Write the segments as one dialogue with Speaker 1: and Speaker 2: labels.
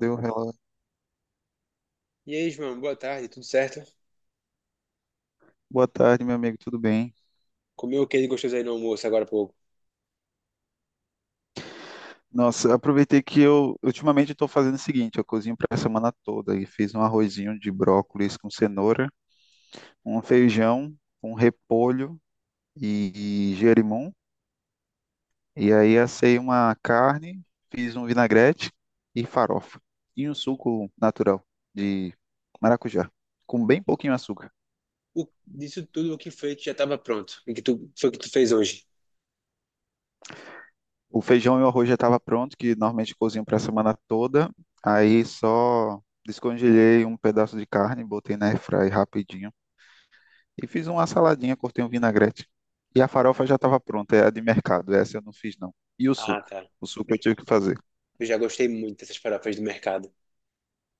Speaker 1: Deu relógio.
Speaker 2: E aí, João, boa tarde, tudo certo?
Speaker 1: Boa tarde, meu amigo, tudo bem?
Speaker 2: Comeu o que ele gostoso aí no almoço agora há pouco?
Speaker 1: Nossa, aproveitei que eu ultimamente estou fazendo o seguinte, eu cozinho para a semana toda e fiz um arrozinho de brócolis com cenoura, um feijão, um repolho e gerimum. E aí assei uma carne, fiz um vinagrete e farofa. E um suco natural de maracujá, com bem pouquinho açúcar.
Speaker 2: O, disso tudo, o que foi que já estava pronto? O que tu, foi que tu fez hoje?
Speaker 1: O feijão e o arroz já estava pronto, que normalmente cozinho para a semana toda. Aí só descongelei um pedaço de carne, botei na airfry rapidinho e fiz uma saladinha, cortei um vinagrete. E a farofa já estava pronta, é a de mercado, essa eu não fiz não. E o
Speaker 2: Ah,
Speaker 1: suco?
Speaker 2: tá.
Speaker 1: O suco eu tive que fazer.
Speaker 2: Eu já gostei muito dessas farofas do mercado.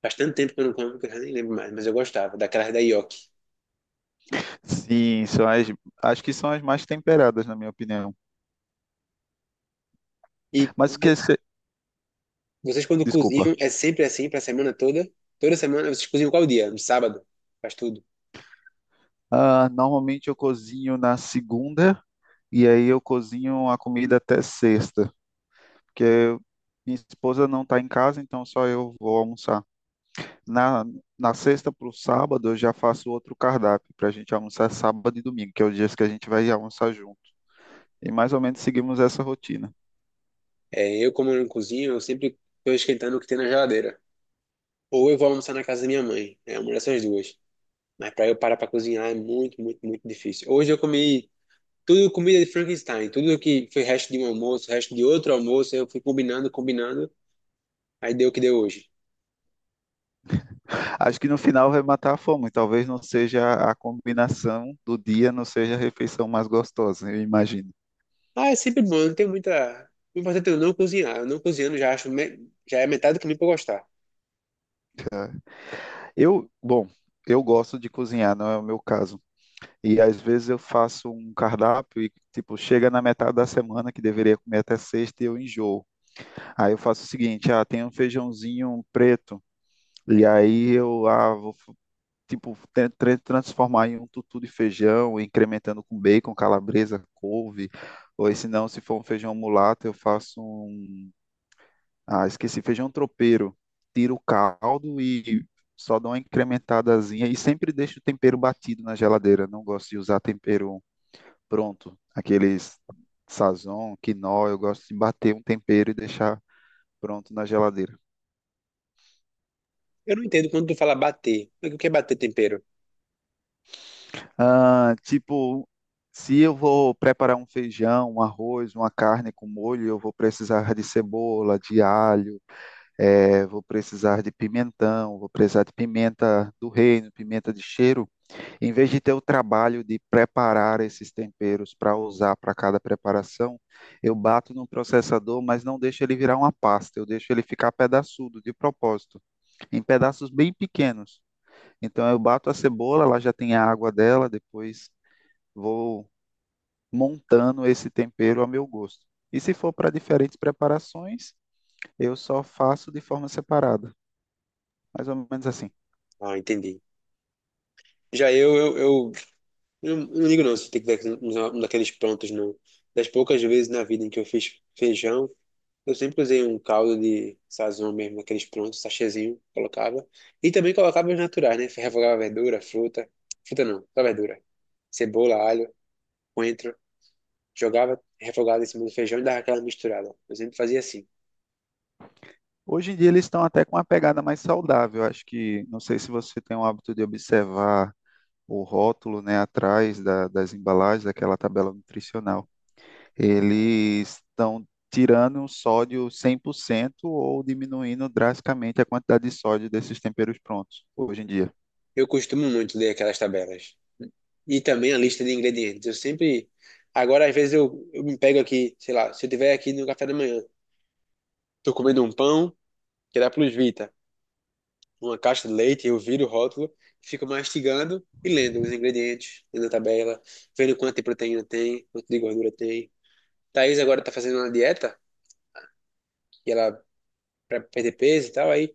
Speaker 2: Faz tanto tempo que eu não como que eu já nem lembro mais, mas eu gostava, daquelas da Yoki.
Speaker 1: Sim, acho que são as mais temperadas, na minha opinião.
Speaker 2: E
Speaker 1: Mas o
Speaker 2: vo-
Speaker 1: que você.
Speaker 2: Vocês quando cozinham,
Speaker 1: Desculpa.
Speaker 2: é sempre assim pra semana toda? Toda semana? Vocês cozinham qual dia? No sábado? Faz tudo.
Speaker 1: Ah, normalmente eu cozinho na segunda e aí eu cozinho a comida até sexta, porque minha esposa não está em casa, então só eu vou almoçar. Na, na sexta para o sábado, eu já faço outro cardápio para a gente almoçar sábado e domingo, que é os dias que a gente vai almoçar junto. E mais ou menos seguimos essa rotina.
Speaker 2: É, eu como eu não cozinho, eu sempre tô esquentando o que tem na geladeira. Ou eu vou almoçar na casa da minha mãe. É uma dessas duas. Mas para eu parar para cozinhar é muito, muito, muito difícil. Hoje eu comi tudo comida de Frankenstein, tudo que foi resto de um almoço, resto de outro almoço, eu fui combinando, combinando, aí deu o que deu hoje.
Speaker 1: Acho que no final vai matar a fome. Talvez não seja a combinação do dia, não seja a refeição mais gostosa, eu imagino.
Speaker 2: Ah, é sempre bom, não tem muita. O importante é eu não cozinhar. Eu não cozinhando já acho já é metade do caminho para gostar.
Speaker 1: Bom, eu gosto de cozinhar, não é o meu caso. E às vezes eu faço um cardápio e, tipo, chega na metade da semana que deveria comer até sexta e eu enjoo. Aí eu faço o seguinte, ah, tem um feijãozinho preto, e aí eu vou, tipo, transformar em um tutu de feijão, incrementando com bacon, calabresa, couve, ou se não, se for um feijão mulato, eu faço um, ah, esqueci, feijão tropeiro, tiro o caldo e só dou uma incrementadazinha, e sempre deixo o tempero batido na geladeira, não gosto de usar tempero pronto, aqueles Sazon, quinó, eu gosto de bater um tempero e deixar pronto na geladeira.
Speaker 2: Eu não entendo quando tu fala bater. O que é bater tempero?
Speaker 1: Ah, tipo, se eu vou preparar um feijão, um arroz, uma carne com molho, eu vou precisar de cebola, de alho, vou precisar de pimentão, vou precisar de pimenta do reino, pimenta de cheiro. Em vez de ter o trabalho de preparar esses temperos para usar para cada preparação, eu bato no processador, mas não deixo ele virar uma pasta, eu deixo ele ficar pedaçudo, de propósito, em pedaços bem pequenos. Então eu bato a cebola, ela já tem a água dela, depois vou montando esse tempero ao meu gosto. E se for para diferentes preparações, eu só faço de forma separada, mais ou menos assim.
Speaker 2: Ah, entendi. Já eu não ligo não se tem que dar um daqueles prontos, não. Das poucas vezes na vida em que eu fiz feijão, eu sempre usei um caldo de sazon mesmo, aqueles prontos, sachêzinho, colocava. E também colocava os naturais, né? Refogava verdura, fruta. Fruta não, só verdura. Cebola, alho, coentro. Jogava refogado em cima do feijão e dava aquela misturada. Eu sempre fazia assim.
Speaker 1: Hoje em dia eles estão até com uma pegada mais saudável. Acho que, não sei se você tem o hábito de observar o rótulo, né, atrás das embalagens, daquela tabela nutricional. Eles estão tirando o sódio 100% ou diminuindo drasticamente a quantidade de sódio desses temperos prontos, hoje em dia.
Speaker 2: Eu costumo muito ler aquelas tabelas. E também a lista de ingredientes. Eu sempre. Agora, às vezes, eu me pego aqui, sei lá, se eu tiver aqui no café da manhã, tô comendo um pão, que dá plus vita. Uma caixa de leite, eu viro o rótulo, fico mastigando e lendo os ingredientes, lendo a tabela, vendo quanto de proteína tem, quanto de gordura tem. Thaís agora tá fazendo uma dieta, e ela para perder peso e tal, aí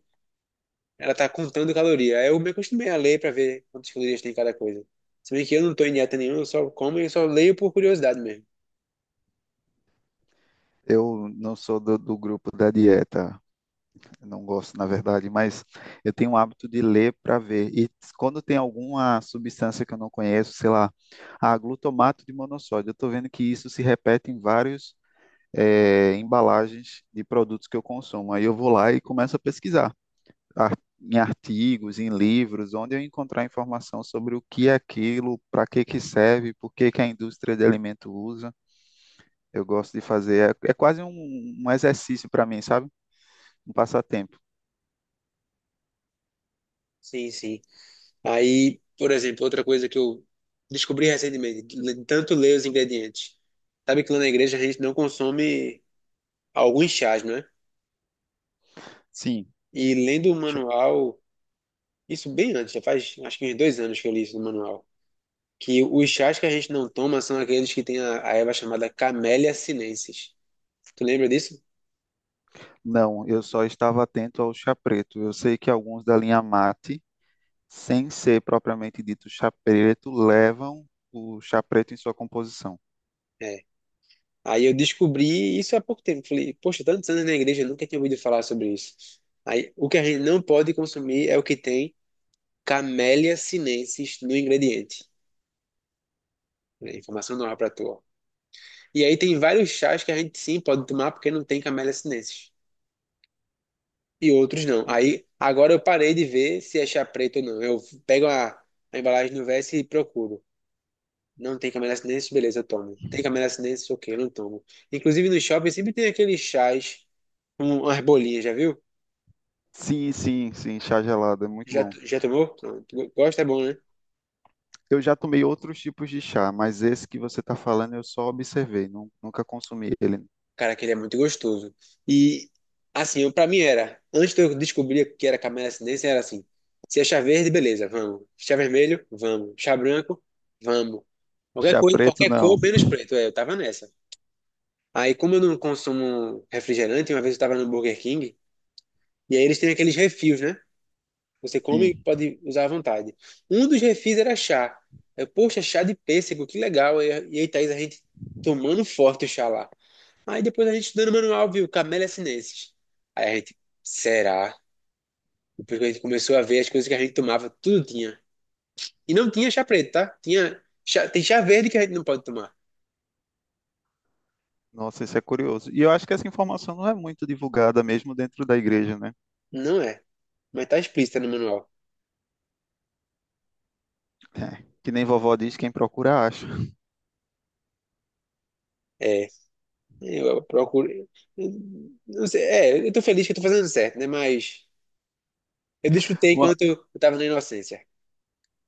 Speaker 2: ela tá contando caloria. Aí eu me acostumei a ler para ver quantas calorias tem cada coisa. Se bem que eu não tô em dieta nenhuma, eu só como e só leio por curiosidade mesmo.
Speaker 1: Eu não sou do grupo da dieta. Eu não gosto, na verdade, mas eu tenho o hábito de ler para ver. E quando tem alguma substância que eu não conheço, sei lá, a glutamato de monossódio, eu estou vendo que isso se repete em vários embalagens de produtos que eu consumo. Aí eu vou lá e começo a pesquisar em artigos, em livros, onde eu encontrar informação sobre o que é aquilo, para que que serve, por que que a indústria de alimento usa. Eu gosto de fazer, é, é quase um exercício para mim, sabe? Um passatempo.
Speaker 2: Sim, sim. Aí, por exemplo, outra coisa que eu descobri recentemente, de tanto ler os ingredientes. Sabe que lá na igreja a gente não consome alguns chás, né?
Speaker 1: Sim.
Speaker 2: E lendo o manual, isso bem antes, já faz acho que uns 2 anos que eu li isso no manual, que os chás que a gente não toma são aqueles que tem a erva chamada Camellia sinensis. Tu lembra disso?
Speaker 1: Não, eu só estava atento ao chá preto. Eu sei que alguns da linha mate, sem ser propriamente dito chá preto, levam o chá preto em sua composição.
Speaker 2: É. Aí eu descobri isso há pouco tempo. Falei, poxa, tantos anos na igreja, eu nunca tinha ouvido falar sobre isso. Aí o que a gente não pode consumir é o que tem Camellia sinensis no ingrediente. É, informação nova pra tu, ó. E aí tem vários chás que a gente sim pode tomar porque não tem Camellia sinensis. E outros não. Aí agora eu parei de ver se achar preto ou não. Eu pego a embalagem no Vest e procuro. Não tem Camélia Sinensis, beleza, eu tomo. Tem Camélia Sinensis, ok, eu não tomo. Inclusive no shopping sempre tem aqueles chás com umas bolinhas, já viu?
Speaker 1: Sim, sim, sim, chá gelado é muito
Speaker 2: Já,
Speaker 1: bom.
Speaker 2: já tomou? Não, tu gosta, é bom, né?
Speaker 1: Eu já tomei outros tipos de chá, mas esse que você está falando eu só observei, nunca consumi ele.
Speaker 2: Cara, aquele é muito gostoso. E assim, pra mim era, antes de eu descobrir que era Camélia Sinensis, era assim, se é chá verde, beleza, vamos. Chá vermelho, vamos. Chá branco, vamos. Qualquer
Speaker 1: Chá
Speaker 2: coisa,
Speaker 1: preto,
Speaker 2: qualquer
Speaker 1: não.
Speaker 2: cor, menos preto. É, eu tava nessa. Aí, como eu não consumo refrigerante, uma vez eu estava no Burger King, e aí eles têm aqueles refis, né? Você come e
Speaker 1: Sim.
Speaker 2: pode usar à vontade. Um dos refis era chá. Eu, poxa, chá de pêssego, que legal. E aí, Thaís, a gente tomando forte o chá lá. Aí depois a gente estudando o manual, viu? Camélia sinensis. Aí a gente, será? Depois que a gente começou a ver as coisas que a gente tomava, tudo tinha. E não tinha chá preto, tá? Tem chá verde que a gente não pode tomar.
Speaker 1: Nossa, isso é curioso. E eu acho que essa informação não é muito divulgada mesmo dentro da igreja, né?
Speaker 2: Não é, mas tá explícito no manual.
Speaker 1: É, que nem vovó diz, quem procura acha.
Speaker 2: É. Eu procuro. Não sei, é, eu tô feliz que eu tô fazendo certo, né? Mas eu desfrutei
Speaker 1: Uma-
Speaker 2: enquanto eu tava na inocência.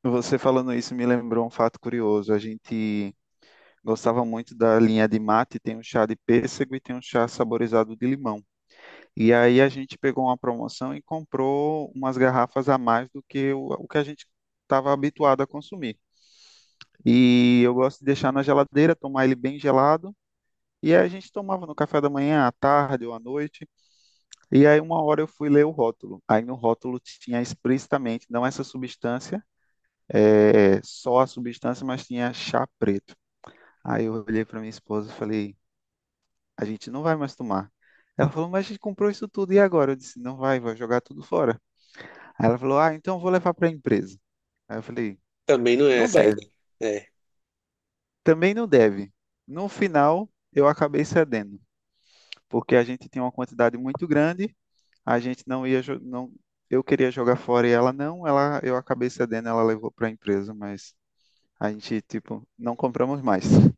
Speaker 1: Você falando isso me lembrou um fato curioso. A gente gostava muito da linha de mate, tem um chá de pêssego e tem um chá saborizado de limão. E aí a gente pegou uma promoção e comprou umas garrafas a mais do que o que a gente estava habituado a consumir. E eu gosto de deixar na geladeira, tomar ele bem gelado. E aí a gente tomava no café da manhã, à tarde ou à noite. E aí uma hora eu fui ler o rótulo. Aí no rótulo tinha explicitamente, não essa substância, é, só a substância, mas tinha chá preto. Aí eu olhei para minha esposa e falei, a gente não vai mais tomar. Ela falou, mas a gente comprou isso tudo e agora? Eu disse, não vai, vai jogar tudo fora. Aí ela falou, ah, então eu vou levar para a empresa. Aí eu falei,
Speaker 2: Também não é
Speaker 1: não
Speaker 2: a saída.
Speaker 1: deve,
Speaker 2: É.
Speaker 1: também não deve. No final, eu acabei cedendo, porque a gente tinha uma quantidade muito grande, a gente não ia, não, eu queria jogar fora e ela não, ela, eu acabei cedendo, ela levou para a empresa, mas a gente, tipo, não compramos mais.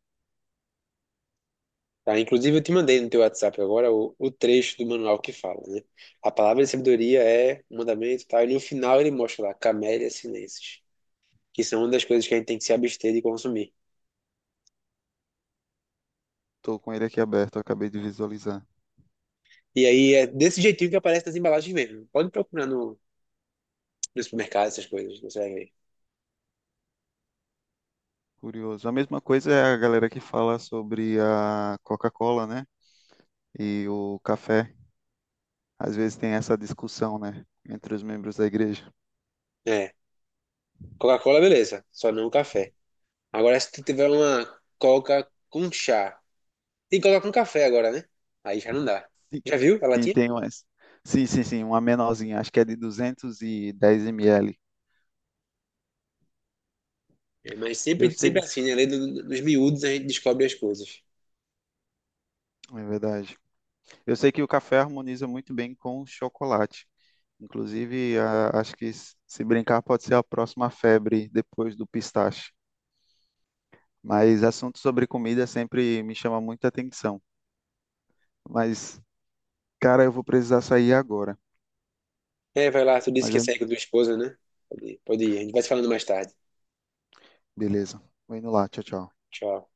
Speaker 2: Tá, inclusive, eu te mandei no teu WhatsApp agora o trecho do manual que fala, né? A palavra de sabedoria é um mandamento e tal. E no final ele mostra lá, camélia sinensis, que são uma das coisas que a gente tem que se abster de consumir.
Speaker 1: Estou com ele aqui aberto, eu acabei de visualizar.
Speaker 2: E aí é desse jeitinho que aparece nas embalagens mesmo. Pode procurar no supermercado essas coisas, você vai ver.
Speaker 1: Curioso. A mesma coisa é a galera que fala sobre a Coca-Cola, né? E o café. Às vezes tem essa discussão, né? Entre os membros da igreja.
Speaker 2: É. Coca-Cola, beleza. Só não café. Agora, se tu tiver uma coca com chá, tem coca com café agora, né? Aí já não dá.
Speaker 1: Sim,
Speaker 2: Já viu a
Speaker 1: Sim,
Speaker 2: latinha?
Speaker 1: tem umas. Sim, sim, sim, uma menorzinha. Acho que é de 210 ml.
Speaker 2: É, mas
Speaker 1: Eu
Speaker 2: sempre, sempre
Speaker 1: sei,
Speaker 2: assim, né? Além dos miúdos, a gente descobre as coisas.
Speaker 1: é verdade. Eu sei que o café harmoniza muito bem com o chocolate. Inclusive, acho que se brincar pode ser a próxima febre depois do pistache. Mas assunto sobre comida sempre me chama muita atenção. Mas, cara, eu vou precisar sair agora.
Speaker 2: É, vai lá, tu disse
Speaker 1: Mas
Speaker 2: que ia
Speaker 1: eu...
Speaker 2: sair com tua esposa, né? Pode ir, pode ir. A gente vai se falando mais tarde.
Speaker 1: Beleza. Vou indo lá. Tchau, tchau.
Speaker 2: Tchau.